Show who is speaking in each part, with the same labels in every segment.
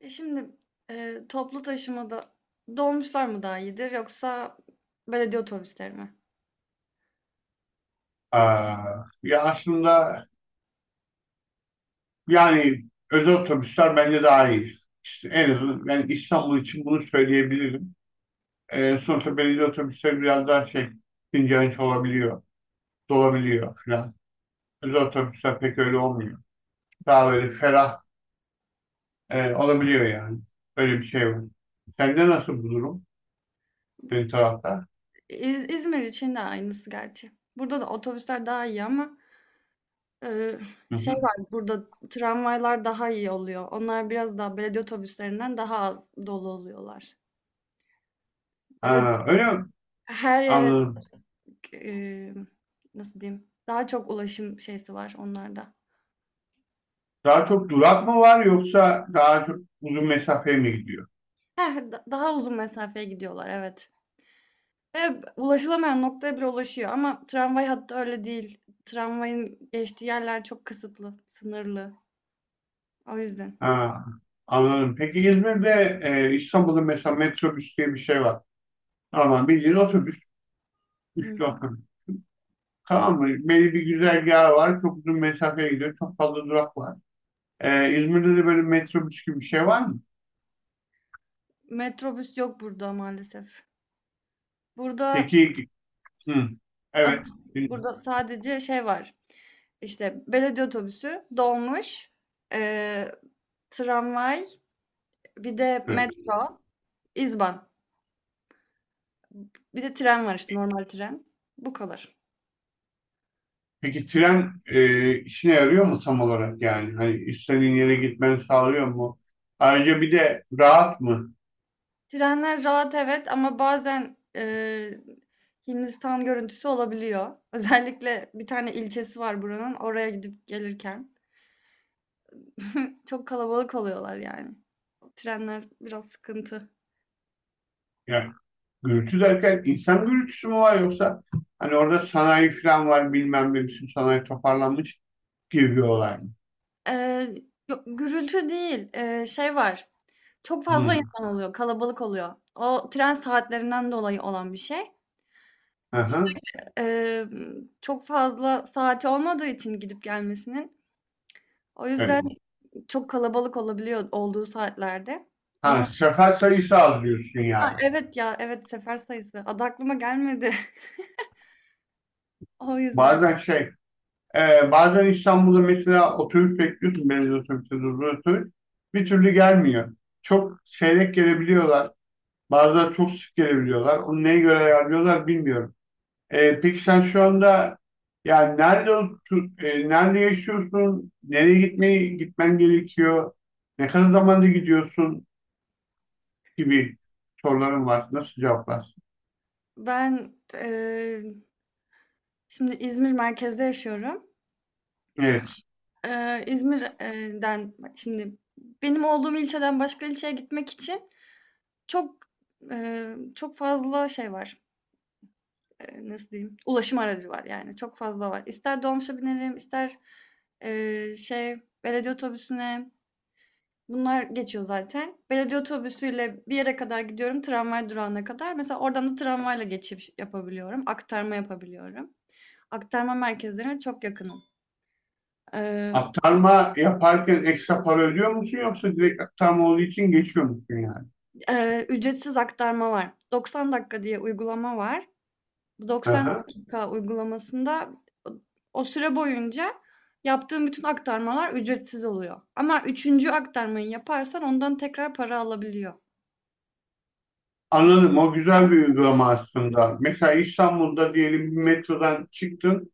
Speaker 1: E, şimdi, Toplu taşımada dolmuşlar mı daha iyidir yoksa belediye otobüsleri mi?
Speaker 2: Aa, ya aslında yani özel otobüsler bence daha iyi. İşte en azından ben İstanbul için bunu söyleyebilirim. Sonuçta belediye otobüsleri biraz daha şey ince olabiliyor, dolabiliyor falan. Özel otobüsler pek öyle olmuyor. Daha böyle ferah olabiliyor yani. Öyle bir şey var. Sende nasıl bu durum? Senin tarafta?
Speaker 1: İzmir için de aynısı gerçi. Burada da otobüsler daha iyi ama, eee,
Speaker 2: Hı
Speaker 1: şey
Speaker 2: hı.
Speaker 1: var, burada tramvaylar daha iyi oluyor. Onlar biraz daha belediye otobüslerinden daha az dolu oluyorlar. Böyle
Speaker 2: Ha, öyle mi?
Speaker 1: her yere,
Speaker 2: Anladım.
Speaker 1: emm, nasıl diyeyim, daha çok ulaşım şeysi var onlarda.
Speaker 2: Daha çok durak mı var yoksa daha çok uzun mesafeye mi gidiyor?
Speaker 1: Heh, daha uzun mesafeye gidiyorlar, evet. Ulaşılamayan noktaya bile ulaşıyor ama tramvay hattı öyle değil. Tramvayın geçtiği yerler çok kısıtlı, sınırlı. O yüzden.
Speaker 2: Ha, anladım. Peki İzmir'de İstanbul'da mesela metrobüs diye bir şey var. Normal bildiğin otobüs. Üçlü
Speaker 1: Hı.
Speaker 2: otobüs. Tamam mı? Belli bir güzergahı var. Çok uzun mesafeye gidiyor. Çok fazla durak var. İzmir'de de böyle metrobüs gibi bir şey var mı?
Speaker 1: Metrobüs yok burada maalesef. Burada
Speaker 2: Peki, hı,
Speaker 1: a
Speaker 2: evet. Bilmiyorum.
Speaker 1: burada sadece şey var, işte, belediye otobüsü, dolmuş, eee, tramvay, bir de
Speaker 2: Evet.
Speaker 1: metro, izban. Bir de tren var, işte, normal tren. Bu kadar.
Speaker 2: Peki tren işine yarıyor mu tam olarak yani? Hani istediğin yere gitmeni sağlıyor mu? Ayrıca bir de rahat mı?
Speaker 1: Trenler rahat evet ama bazen, Hindistan görüntüsü olabiliyor. Özellikle bir tane ilçesi var buranın, oraya gidip gelirken. Çok kalabalık oluyorlar yani. Trenler biraz sıkıntı.
Speaker 2: Yani gürültü derken insan gürültüsü mü var yoksa hani orada sanayi falan var bilmem ne bütün sanayi toparlanmış gibi bir olay mı?
Speaker 1: Eee, Yok gürültü değil, şey var, çok fazla
Speaker 2: Hı.
Speaker 1: insan oluyor, kalabalık oluyor. O tren saatlerinden dolayı olan bir şey.
Speaker 2: Aha,
Speaker 1: Emm, Çok fazla saati olmadığı için gidip gelmesinin, o
Speaker 2: evet.
Speaker 1: yüzden çok kalabalık olabiliyor olduğu saatlerde.
Speaker 2: Ha,
Speaker 1: Ama
Speaker 2: sefer sayısı az diyorsun
Speaker 1: A,
Speaker 2: yani.
Speaker 1: evet ya, evet sefer sayısı. Adı aklıma gelmedi. O yüzden.
Speaker 2: Bazen şey bazen İstanbul'da mesela otobüs bekliyorsun belediye otobüsü durduğu otobüs bir türlü gelmiyor. Çok seyrek gelebiliyorlar. Bazıları çok sık gelebiliyorlar. Onu neye göre ayarlıyorlar bilmiyorum. Peki sen şu anda yani nerede yaşıyorsun? Nereye gitmen gerekiyor? Ne kadar zamanda gidiyorsun gibi sorularım var. Nasıl cevaplarsın?
Speaker 1: Ben, şimdi İzmir merkezde yaşıyorum.
Speaker 2: Evet.
Speaker 1: İzmir şimdi benim olduğum ilçeden başka ilçeye gitmek için çok, çok fazla şey var. Nasıl diyeyim? Ulaşım aracı var yani. Çok fazla var. İster dolmuşa binerim, ister eee, şey belediye otobüsüne. Bunlar geçiyor zaten. Belediye otobüsüyle bir yere kadar gidiyorum, tramvay durağına kadar. Mesela oradan da tramvayla geçiş yapabiliyorum, aktarma yapabiliyorum. Aktarma merkezlerine çok yakınım. Ee,
Speaker 2: Aktarma yaparken ekstra para ödüyor musun yoksa direkt aktarma olduğu için geçiyor musun yani?
Speaker 1: Ücretsiz aktarma var. 90 dakika diye uygulama var. Bu 90
Speaker 2: Aha.
Speaker 1: dakika uygulamasında o o süre boyunca yaptığım bütün aktarmalar ücretsiz oluyor. Ama üçüncü aktarmayı yaparsan ondan tekrar para alabiliyor.
Speaker 2: Anladım. O güzel bir
Speaker 1: İstiyorsan.
Speaker 2: uygulama aslında. Mesela İstanbul'da diyelim bir metrodan çıktın,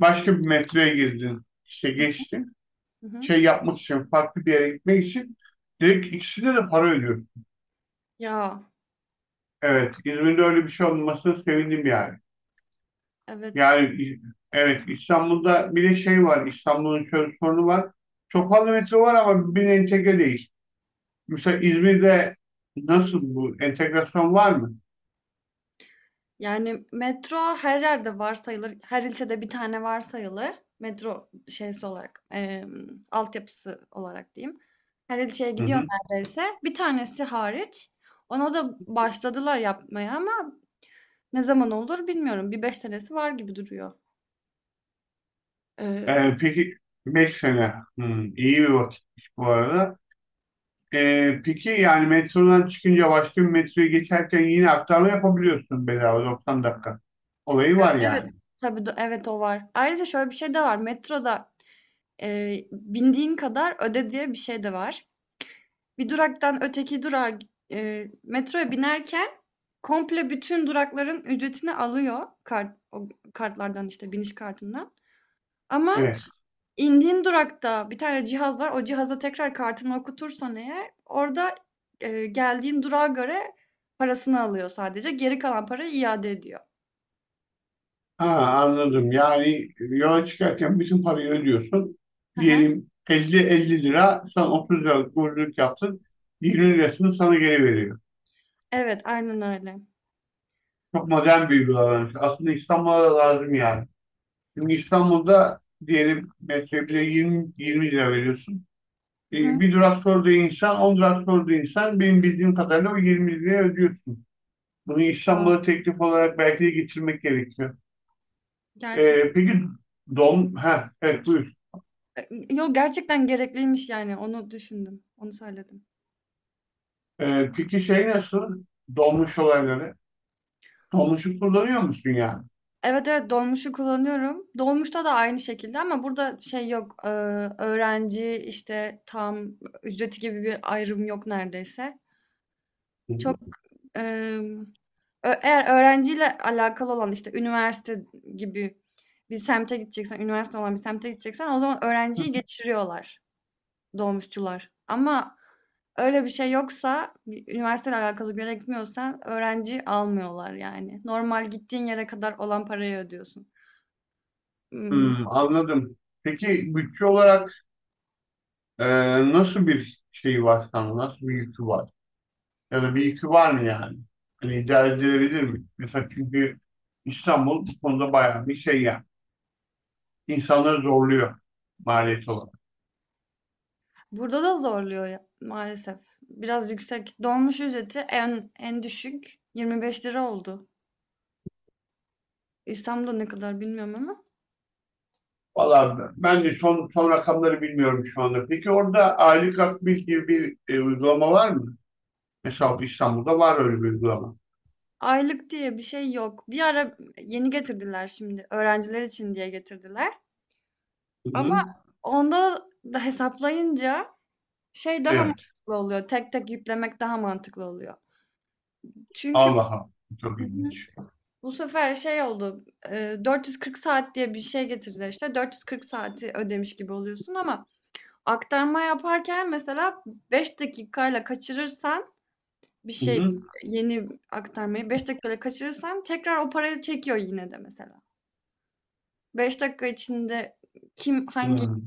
Speaker 2: başka bir metroya girdin. İşte geçtin.
Speaker 1: Hı hı.
Speaker 2: Şey yapmak için, farklı bir yere gitmek için direkt ikisine de para ödüyor.
Speaker 1: Ya,
Speaker 2: Evet, İzmir'de öyle bir şey olmasına sevindim yani.
Speaker 1: evet.
Speaker 2: Yani İ- evet İstanbul'da bir de şey var, İstanbul'un şöyle sorunu var. Çok fazla metro var ama birbirine entegre değil. Mesela İzmir'de nasıl, bu entegrasyon var mı?
Speaker 1: Yani metro her yerde var sayılır. Her ilçede bir tane var sayılır. Metro şeysi olarak, altyapısı olarak diyeyim. Her ilçeye
Speaker 2: Hı
Speaker 1: gidiyor
Speaker 2: hı.
Speaker 1: neredeyse. Bir tanesi hariç. Ona da başladılar yapmaya ama ne zaman olur bilmiyorum. Bir 5 senesi var gibi duruyor. Ee,
Speaker 2: Peki 5 sene. Hı, iyi bir vakit bu arada. Peki yani metrodan çıkınca başka bir metroya geçerken yine aktarma yapabiliyorsun bedava 90 dakika. Olayı var yani.
Speaker 1: evet, tabii, evet o var. Ayrıca şöyle bir şey de var. Metroda, bindiğin kadar öde diye bir şey de var. Bir duraktan öteki durağa gi- Metroya binerken komple bütün durakların ücretini alıyor o kartlardan işte biniş kartından. Ama
Speaker 2: Evet.
Speaker 1: indiğin durakta bir tane cihaz var. O cihaza tekrar kartını okutursan eğer orada, geldiğin durağa göre parasını alıyor sadece. Geri kalan parayı iade ediyor.
Speaker 2: Ha, anladım. Yani yola çıkarken bütün parayı ödüyorsun.
Speaker 1: Hı hı.
Speaker 2: Diyelim 50-50 lira sen 30 liralık borculuk yaptın. 20 lirasını sana geri veriyor.
Speaker 1: Evet, aynen öyle.
Speaker 2: Çok modern bir uygulamaymış. Aslında İstanbul'a da lazım yani. Şimdi İstanbul'da diyelim metroya bile 20 lira veriyorsun.
Speaker 1: Hı
Speaker 2: E,
Speaker 1: hı.
Speaker 2: bir durak sorduğu insan, on durak sorduğu insan benim bildiğim kadarıyla o 20 liraya ödüyorsun. Bunu
Speaker 1: Ya,
Speaker 2: İstanbul'a teklif olarak belki de getirmek gerekiyor.
Speaker 1: gerçek
Speaker 2: E, peki ha evet, buyur.
Speaker 1: e, gerçekten gerekliymiş yani onu düşündüm. Onu söyledim.
Speaker 2: Peki şey nasıl? Dolmuş olayları. Dolmuşu kullanıyor musun yani?
Speaker 1: Evet, evet, dolmuşu kullanıyorum. Dolmuşta da aynı şekilde ama burada şey yok, öğrenci, işte, tam ücreti gibi bir ayrım yok neredeyse. Çok, emm, ö Eğer öğrenciyle alakalı olan, işte, üniversite gibi bir semte gideceksen, üniversite olan bir semte gideceksen o zaman öğrenciyi geçiriyorlar dolmuşçular. Ama öyle bir şey yoksa, bir üniversiteyle alakalı bir yere gitmiyorsan öğrenci almıyorlar yani. Normal gittiğin yere kadar olan parayı ödüyorsun. Imm
Speaker 2: Hmm, anladım. Peki bütçe olarak e, nasıl bir şey var sana? Nasıl bir yükü var? Ya da bir yükü var mı yani? Hani idare edilebilir mi? Mesela çünkü İstanbul bu konuda bayağı bir şey yani, insanları zorluyor maliyet olarak.
Speaker 1: Burada da zorluyor ya, maalesef. Biraz yüksek. Dolmuş ücreti en düşük 25 lira oldu. İstanbul'da ne kadar bilmiyorum ama.
Speaker 2: Valla ben de son rakamları bilmiyorum şu anda. Peki orada aylık akbil gibi bir uygulama var mı? Mesela İstanbul'da var öyle bir uygulama.
Speaker 1: Aylık diye bir şey yok. Bir ara yeni getirdiler şimdi. Öğrenciler için diye getirdiler.
Speaker 2: Hı
Speaker 1: Ama
Speaker 2: hı.
Speaker 1: onda da hesaplayınca şey daha
Speaker 2: Evet.
Speaker 1: mantıklı oluyor. Tek tek yüklemek daha mantıklı oluyor. Çünkü
Speaker 2: Allah'a, çok ilginç.
Speaker 1: bu sefer şey oldu. 440 saat diye bir şey getirdiler işte. 440 saati ödemiş gibi oluyorsun. Ama aktarma yaparken mesela 5 dakikayla kaçırırsan bir
Speaker 2: Hı
Speaker 1: şey,
Speaker 2: hı.
Speaker 1: yeni aktarmayı 5 dakikayla kaçırırsan tekrar o parayı çekiyor yine de mesela. 5 dakika içinde kim hangi
Speaker 2: Hı.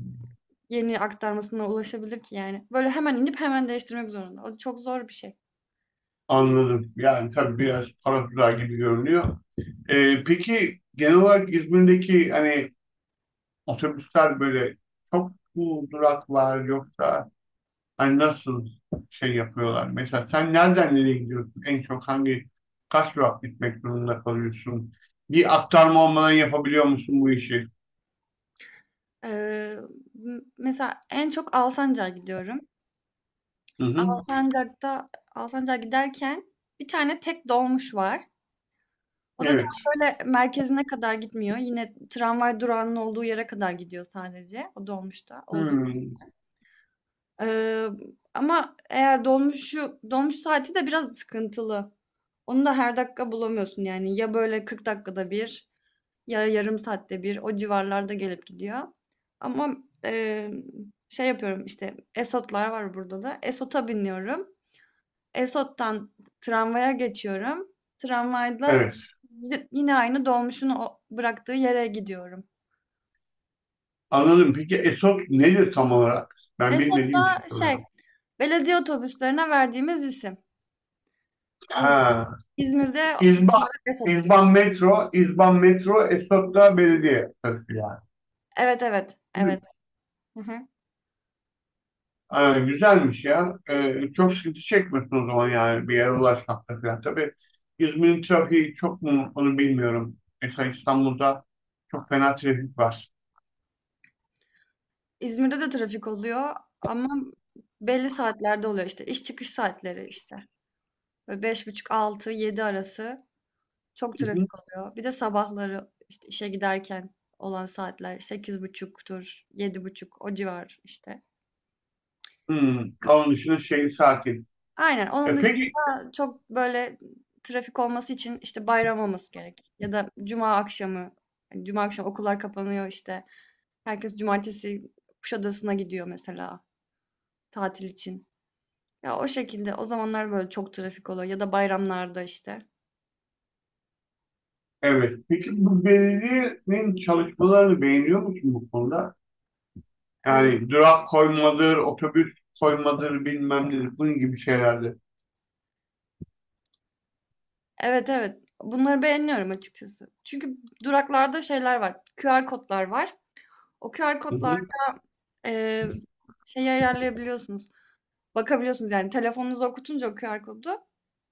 Speaker 1: yeni aktarmasına ulaşabilir ki yani? Böyle hemen inip hemen değiştirmek zorunda. O çok zor bir şey.
Speaker 2: Anladım. Yani tabii biraz para tuzağı gibi görünüyor. Peki genel olarak İzmir'deki hani otobüsler böyle çok mu durak var yoksa, hani nasıl şey yapıyorlar? Mesela sen nereden nereye gidiyorsun? En çok hangi, kaç durak gitmek durumunda kalıyorsun? Bir aktarma olmadan yapabiliyor musun bu işi?
Speaker 1: Eee, Mesela en çok Alsancak'a gidiyorum.
Speaker 2: Hı hı.
Speaker 1: Alsancak'ta Alsancak'a giderken bir tane tek dolmuş var. O da tam
Speaker 2: Evet.
Speaker 1: böyle merkezine kadar gitmiyor. Yine tramvay durağının olduğu yere kadar gidiyor sadece. O dolmuşta olduğu.
Speaker 2: Hmm.
Speaker 1: Ee, Ama eğer dolmuş saati de biraz sıkıntılı. Onu da her dakika bulamıyorsun yani. Ya böyle 40 dakikada bir ya yarım saatte bir o civarlarda gelip gidiyor. Ama e, şey yapıyorum işte Esotlar var burada da. Esot'a biniyorum. Esot'tan tramvaya geçiyorum. Tramvayla
Speaker 2: Evet.
Speaker 1: yine aynı dolmuşun o bıraktığı yere gidiyorum.
Speaker 2: Anladım. Peki ESOT nedir tam olarak? Ben
Speaker 1: Esot
Speaker 2: bilmediğim için
Speaker 1: da şey,
Speaker 2: soruyorum.
Speaker 1: belediye otobüslerine verdiğimiz isim. Burada,
Speaker 2: Ha.
Speaker 1: İzmir'de
Speaker 2: İzban.
Speaker 1: bunlara Esot diyor.
Speaker 2: İzban Metro. İzban Metro. ESOT da belediye.
Speaker 1: Evet, evet,
Speaker 2: Yani.
Speaker 1: evet. Hı hı.
Speaker 2: Güzelmiş ya. Çok sıkıntı çekmiyorsun o zaman yani bir yere ulaşmakta falan. Tabii İzmir'in trafiği çok mu onu bilmiyorum. Mesela İstanbul'da çok fena trafik var.
Speaker 1: İzmir'de de trafik oluyor ama belli saatlerde oluyor işte. İş çıkış saatleri işte. Böyle beş buçuk, altı, yedi arası. Çok
Speaker 2: Hı hı.
Speaker 1: trafik oluyor. Bir de sabahları, işte, işe giderken olan saatler sekiz buçuktur, yedi buçuk o civar, işte.
Speaker 2: Hmm, onun dışında şehir sakin.
Speaker 1: Aynen, onun
Speaker 2: E peki,
Speaker 1: dışında çok, böyle, trafik olması için, işte, bayram olması gerek ya da cuma akşamı, hani, cuma akşamı okullar kapanıyor, işte. Herkes cumartesi Kuşadası'na gidiyor mesela tatil için. Ya, o şekilde, o zamanlar, böyle, çok trafik oluyor ya da bayramlarda, işte.
Speaker 2: evet. Peki bu belediyenin çalışmalarını beğeniyor musun bu konuda? Yani durak koymadır, otobüs koymadır, bilmem nedir, bunun gibi şeylerde.
Speaker 1: Evet, evet. Bunları beğeniyorum açıkçası. Çünkü duraklarda şeyler var, QR kodlar var. O QR
Speaker 2: Hı
Speaker 1: kodlar,
Speaker 2: hı.
Speaker 1: eee, şeyi ayarlayabiliyorsunuz, bakabiliyorsunuz. Yani telefonunuza okutunca o QR kodu,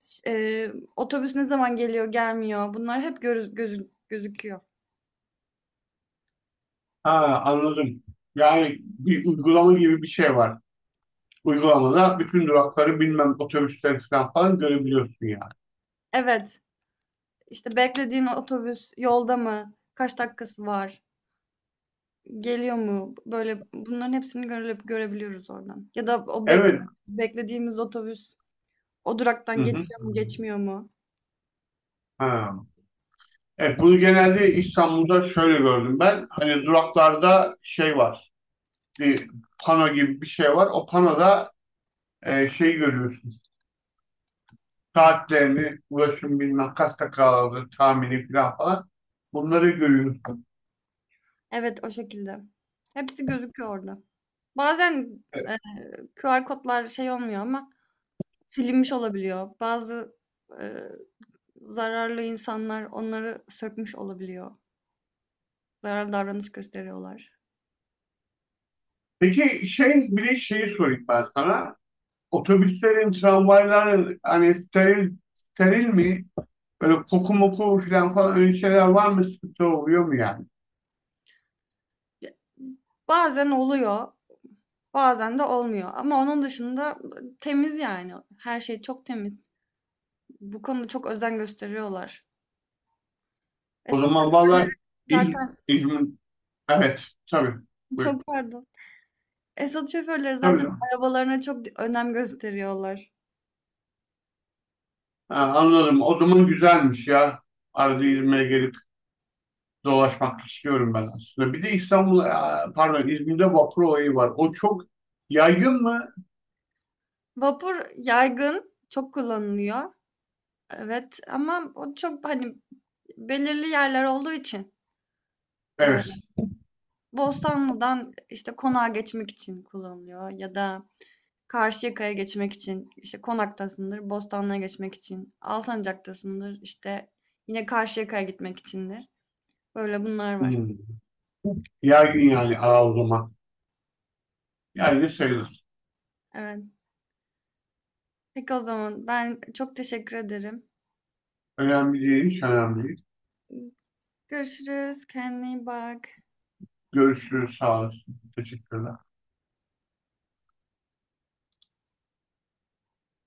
Speaker 1: ş otobüs ne zaman geliyor, gelmiyor bunlar hep görüz gözü gözüküyor.
Speaker 2: Ha, anladım. Yani bir uygulama gibi bir şey var. Uygulamada bütün durakları bilmem otobüsler falan falan görebiliyorsun yani.
Speaker 1: Evet, işte beklediğin otobüs yolda mı, kaç dakikası var, geliyor mu? Böyle bunların hepsini görebiliyoruz oradan. Ya da o
Speaker 2: Evet.
Speaker 1: beklediğimiz otobüs o duraktan
Speaker 2: Hı hı.
Speaker 1: geçiyor mu, geçmiyor mu?
Speaker 2: Ha. Evet, bunu genelde İstanbul'da şöyle gördüm ben. Hani duraklarda şey var. Bir pano gibi bir şey var. O panoda şey görüyorsun. Saatlerini, ulaşım bilmem kaç dakikalardır tahmini falan falan. Bunları görüyorsun.
Speaker 1: Evet, o şekilde. Hepsi gözüküyor orada. Bazen, eee, QR kodlar şey olmuyor ama silinmiş olabiliyor. Bazı, eee, zararlı insanlar onları sökmüş olabiliyor. Zararlı davranış gösteriyorlar.
Speaker 2: Peki şey, bir de şeyi sorayım ben sana. Otobüslerin, tramvayların hani steril mi? Böyle koku moku falan falan öyle şeyler var mı? Sıkıntı oluyor mu yani?
Speaker 1: Ya bazen oluyor, bazen de olmuyor ama onun dışında temiz yani. Her şey çok temiz. Bu konuda çok özen gösteriyorlar.
Speaker 2: O
Speaker 1: Esot
Speaker 2: zaman
Speaker 1: şoför-
Speaker 2: vallahi, İz
Speaker 1: zaten
Speaker 2: İzmir, evet tabii. Buyur.
Speaker 1: Çok pardon. Esot şoförleri
Speaker 2: Tabii
Speaker 1: zaten
Speaker 2: canım.
Speaker 1: arabalarına çok önem gösteriyorlar.
Speaker 2: Ha, anladım. O zaman güzelmiş ya. Arada İzmir'e gelip dolaşmak istiyorum ben aslında. Bir de İstanbul, aa, pardon, İzmir'de vapur olayı var. O çok yaygın mı?
Speaker 1: Vapur yaygın, çok kullanılıyor. Evet ama o çok hani belirli yerler olduğu için
Speaker 2: Evet.
Speaker 1: eee, Bostanlı'dan işte konağa geçmek için kullanılıyor ya da Karşıyaka'ya geçmek için işte Konak'tasındır, Bostanlı'ya geçmek için, Alsancak'tasındır işte yine Karşıyaka'ya gitmek içindir. Böyle bunlar var.
Speaker 2: Hmm. Yaygın yani, aa, o zaman. Yaygın sayılır.
Speaker 1: Evet. Peki o zaman ben çok teşekkür ederim.
Speaker 2: Önemli değil, hiç önemli değil.
Speaker 1: Görüşürüz. Kendine iyi bak.
Speaker 2: Görüşürüz, sağ olasın. Teşekkürler.